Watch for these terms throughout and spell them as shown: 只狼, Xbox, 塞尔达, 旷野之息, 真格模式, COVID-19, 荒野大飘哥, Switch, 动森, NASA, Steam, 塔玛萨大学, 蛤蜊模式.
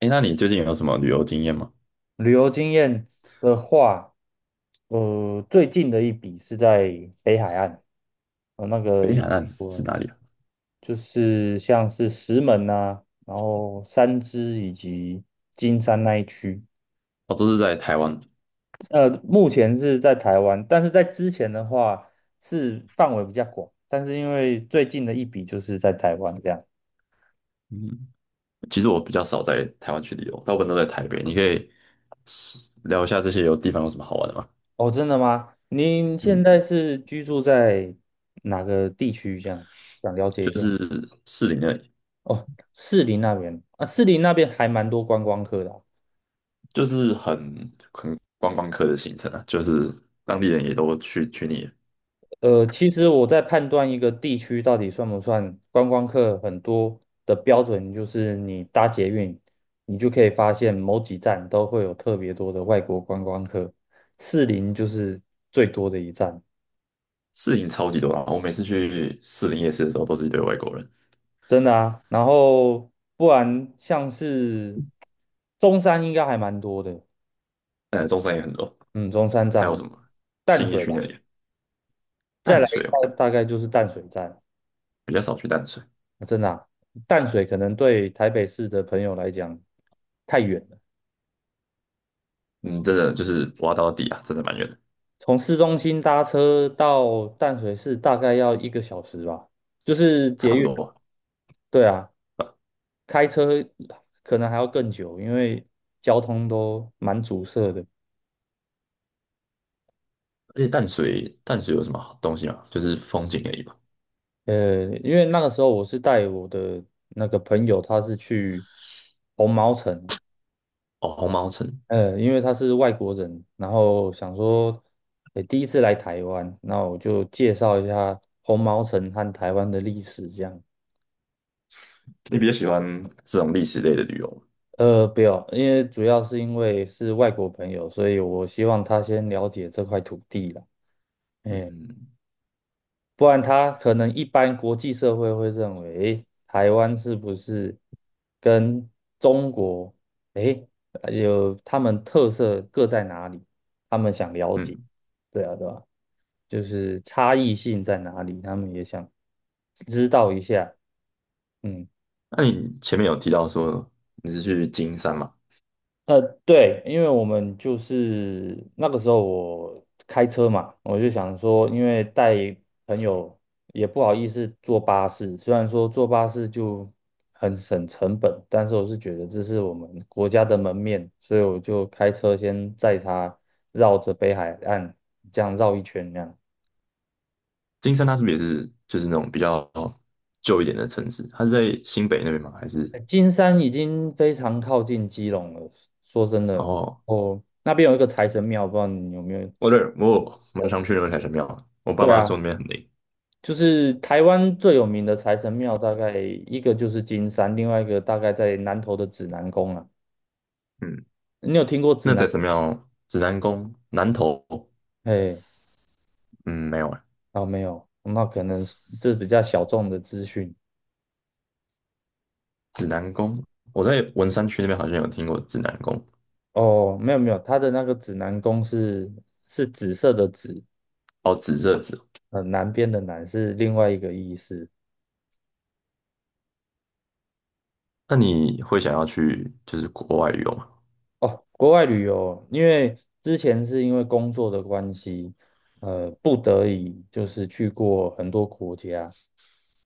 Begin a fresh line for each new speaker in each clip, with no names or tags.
哎，那你最近有什么旅游经验吗？
旅游经验的话，最近的一笔是在北海岸，呃，那个
北海岸是哪里啊？
就是像是石门呐，然后三芝以及金山那一区，
哦，都是在台湾。
目前是在台湾，但是在之前的话是范围比较广，但是因为最近的一笔就是在台湾这样。
嗯，其实我比较少在台湾去旅游，大部分都在台北。你可以是聊一下这些有地方有什么好玩的吗？
哦，真的吗？您现
嗯，
在是居住在哪个地区？这样想了解
就
一下。
是士林那里，
哦，士林那边啊，士林那边还蛮多观光客的啊。
就是很观光客的行程啊，就是当地人也都去腻了。
其实我在判断一个地区到底算不算观光客很多的标准，就是你搭捷运，你就可以发现某几站都会有特别多的外国观光客，士林就是最多的一站，
士林超级多啊，我每次去士林夜市的时候都是一堆外国人，
真的啊。然后不然像是中山应该还蛮多的。
中山也很多，
嗯，中山站。
还有
还
什么
淡
新义
水
区
吧，
那里，
再
淡
来一
水哦，
大概就是淡水站。
比较少去淡水。
啊，真的啊。淡水可能对台北市的朋友来讲太远了，
嗯，真的就是挖到底啊，真的蛮远的。
从市中心搭车到淡水市大概要一个小时吧，就是捷
差不
运。
多吧。
对啊，
呃
开车可能还要更久，因为交通都蛮阻塞的。
而且淡水有什么好东西吗？就是风景而已吧。
因为那个时候我是带我的那个朋友，他是去红毛城，
哦，红毛城，
因为他是外国人，然后想说，第一次来台湾，那我就介绍一下红毛城和台湾的历史，这样。
你比较喜欢这种历史类的旅游吗？
不要，因为主要是因为是外国朋友，所以我希望他先了解这块土地啦。哎，
嗯
不然他可能一般国际社会会认为，哎，台湾是不是跟中国，哎，有他们特色各在哪里？他们想了解，
嗯，
对啊，对啊。就是差异性在哪里，他们也想知道一下。嗯，
那你前面有提到说你是去金山嘛？
对，因为我们就是那个时候我开车嘛，我就想说，因为带朋友也不好意思坐巴士，虽然说坐巴士就很省成本，但是我是觉得这是我们国家的门面，所以我就开车先载他绕着北海岸这样绕一圈那样。
金山它是不是也是就是那种比较旧一点的城市？它是在新北那边吗？还是
哎，金山已经非常靠近基隆了。说真的，
哦，
哦，那边有一个财神庙，不知道你有没有？
我这我蛮想去那个财神庙的，我爸
对
妈说
啊，
那边很灵。
就是台湾最有名的财神庙，大概一个就是金山，另外一个大概在南投的指南宫啊。
嗯，
你有听过指
那财
南？
神庙、指南宫、南头，
哎，
嗯，没有
哦，没有，那可能是这比较小众的资讯。
指南宫，我在文山区那边好像有听过指南宫，
哦，没有没有，它的那个指南宫是是紫色的紫，
哦，指这指哦
南边的南是另外一个意思。
那你会想要去就是国外旅游吗？
哦，国外旅游，因为之前是因为工作的关系，不得已就是去过很多国家。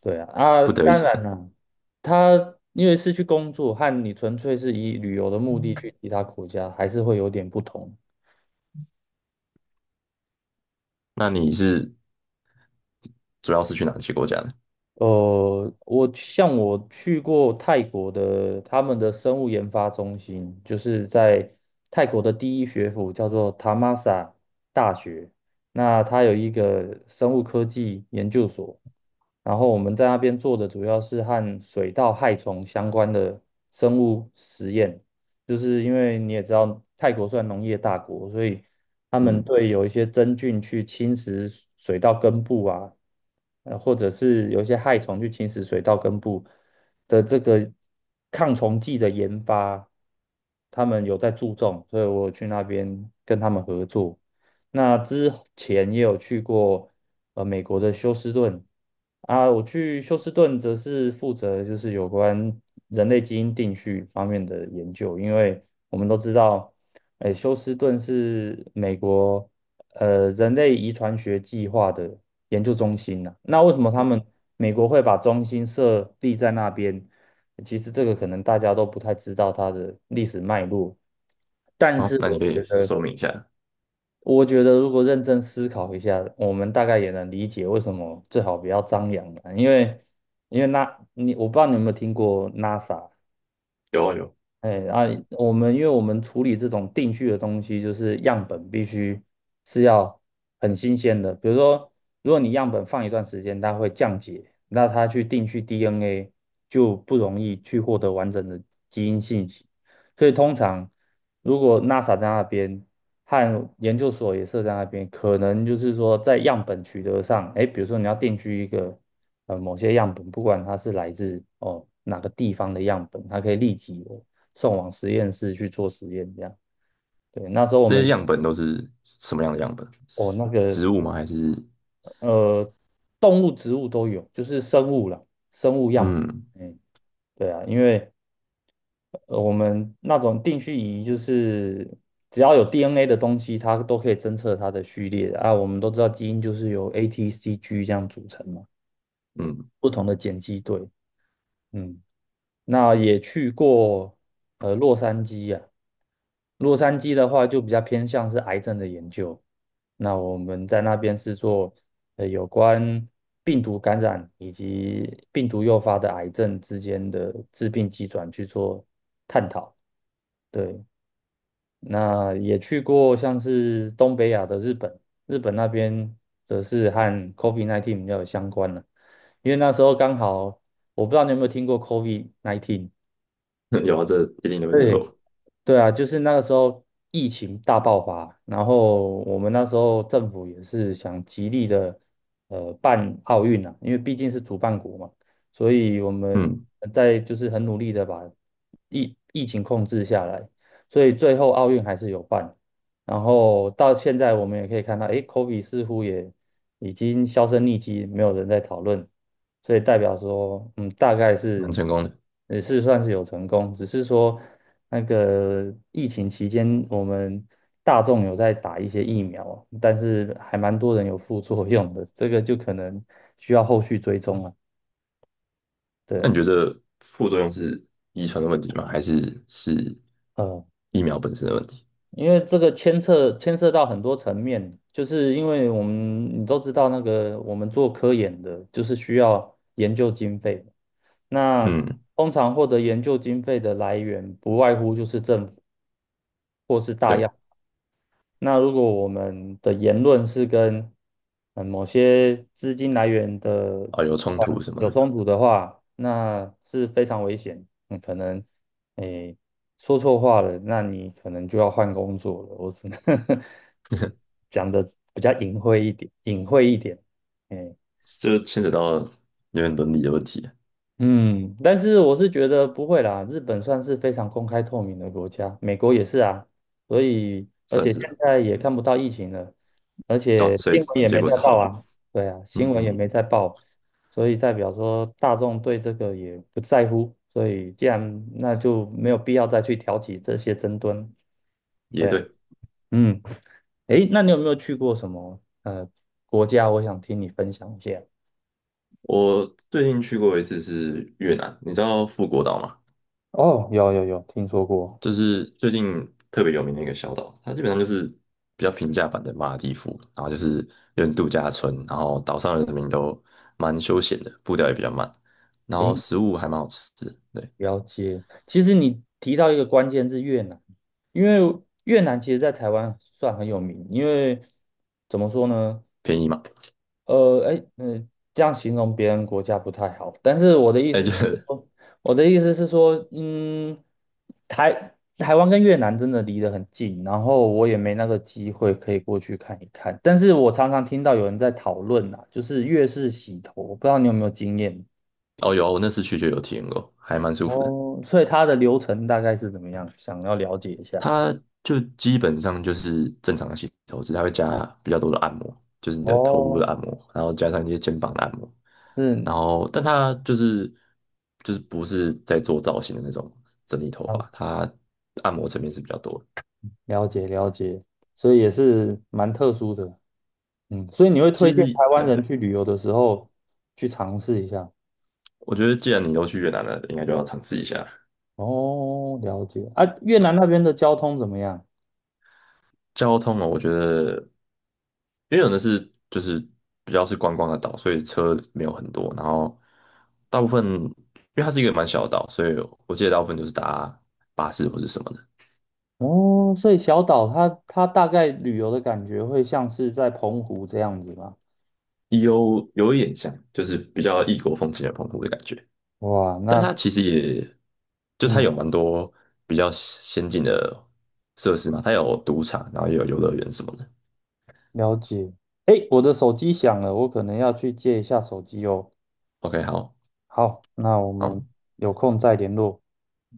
对啊，啊，
不得
当
已，
然了，他因为是去工作，和你纯粹是以旅游的目的去其他国家，还是会有点不同。
那你是主要是去哪些国家呢？
我像我去过泰国的，他们的生物研发中心就是在泰国的第一学府，叫做塔玛萨大学。那它有一个生物科技研究所，然后我们在那边做的主要是和水稻害虫相关的生物实验，就是因为你也知道泰国算农业大国，所以他们嗯
嗯，
对有一些真菌去侵蚀水稻根部啊。或者是有一些害虫去侵蚀水稻根部的这个抗虫剂的研发，他们有在注重，所以我有去那边跟他们合作。那之前也有去过美国的休斯顿啊，我去休斯顿则是负责就是有关人类基因定序方面的研究，因为我们都知道，哎，休斯顿是美国人类遗传学计划的研究中心呐，那为什么他们美国会把中心设立在那边？其实这个可能大家都不太知道它的历史脉络，但
好，
是
那你可以说明一下。
我觉得如果认真思考一下，我们大概也能理解为什么最好不要张扬了，因为那你我不知道你有没有听过 NASA，
有啊有，
哎啊，因为我们处理这种定序的东西，就是样本必须是要很新鲜的。比如说，如果你样本放一段时间，它会降解，那它去定序 DNA 就不容易去获得完整的基因信息。所以通常，如果 NASA 在那边和研究所也设在那边，可能就是说在样本取得上，哎，比如说你要定居一个某些样本，不管它是来自哦哪个地方的样本，它可以立即送往实验室去做实验，这样。对，那时候我
这些
们。
样本都是什么样的样本？
哦，
是
那个
植物吗？还是
呃，动物、植物都有，就是生物啦，生物样
嗯
本。嗯，对啊，因为我们那种定序仪就是只要有 DNA 的东西，它都可以侦测它的序列啊。我们都知道基因就是由 A、T、C、G 这样组成嘛，
嗯，
不同的碱基对。嗯，那也去过洛杉矶呀。洛杉矶的话就比较偏向是癌症的研究，那我们在那边是做有关病毒感染以及病毒诱发的癌症之间的致病机转去做。对，那也去过像是东北亚的日本，日本那边则是和 COVID-19 比较有相关了，因为那时候刚好我不知道你有没有听过 COVID-19，
有啊，这一定都会听
对，
过。
对啊，就是那个时候疫情大爆发，然后我们那时候政府也是想极力的办奥运啊，因为毕竟是主办国嘛，所以我们
嗯，
在就是很努力的把疫情控制下来，所以最后奥运还是有办。然后到现在我们也可以看到，哎，KOBE 似乎也已经销声匿迹，没有人在讨论，所以代表说，嗯，大概
蛮
是
成功的。
也是算是有成功，只是说那个疫情期间，我们大众有在打一些疫苗，但是还蛮多人有副作用的，这个就可能需要后续追踪了。对
那
啊，
你觉得副作用是遗传的问题吗？还是是
呃，
疫苗本身的问题？
因为这个牵涉到很多层面，就是因为我们你都知道，那个我们做科研的，就是需要研究经费。那
嗯，
通常获得研究经费的来源，不外乎就是政府。或是大
对，
药。那如果我们的言论是跟嗯某些资金来源的
啊，有
集
冲突
团
什么
有
的。
冲突的话，那是非常危险。你可能诶说错话了，那你可能就要换工作了。我只能 讲的比较隐晦一点，隐晦一点。诶
就牵扯到有点伦理的问题，
嗯，但是我是觉得不会啦，日本算是非常公开透明的国家，美国也是啊，所以而
算
且
是
现
了。
在也
嗯，
看不到疫情了。而
对啊，
且
所以
新闻也
结
没
果
在
是好
报
的。
啊，对啊，新闻也
嗯，
没在报，所以代表说大众对这个也不在乎，所以既然那就没有必要再去挑起这些争端，
也
对啊，
对。
嗯，诶，那你有没有去过什么国家？我想听你分享一下。
我最近去过一次是越南，你知道富国岛吗？
哦，有有有，听说过。
就是最近特别有名的一个小岛，它基本上就是比较平价版的马尔代夫，然后就是有点度假村，然后岛上的人民都蛮休闲的，步调也比较慢，然后
诶，
食物还蛮好吃的，对，
了解。其实你提到一个关键字越南，因为越南其实在台湾算很有名，因为怎么说呢？
便宜嘛。
哎，嗯，这样形容别人国家不太好，但是
哎、就是
说，我的意思是说，嗯，台湾跟越南真的离得很近，然后我也没那个机会可以过去看一看，但是我常常听到有人在讨论啊，就是越式洗头，我不知道你有没有经验。
哦有啊我那次去就有体验过，还蛮舒服的。
哦，所以它的流程大概是怎么样，想要了解一下。
它就基本上就是正常的洗头，只是它会加比较多的按摩，就是你的头部的
哦，
按摩，然后加上一些肩膀的按摩，
是
然后但它就是不是在做造型的那种整理头
了
发，它按摩层面是比较多的
了解了解，所以也是蛮特殊的。嗯，所以你会推
其
荐
实
台湾
对，
人去旅游的时候去尝试一下。
我觉得既然你都去越南了，应该就要尝试一下。
哦，了解。啊，越南那边的交通怎么样？
交通哦，我觉得，因为有的是就是比较是观光的岛，所以车没有很多，然后大部分因为它是一个蛮小的岛，所以我记得大部分就是搭巴士或是什么的，
哦，所以小岛它大概旅游的感觉会像是在澎湖这样子吗？
有有一点像，就是比较异国风情的澎湖的感觉，
哇，
但
那
它其实也就它
嗯，
有蛮多比较先进的设施嘛，它有赌场，然后也有游乐园什么的。
了解。诶，我的手机响了，我可能要去接一下手机哦。
OK，好，
好，那我们
好，
有空再联络。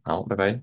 好，拜拜。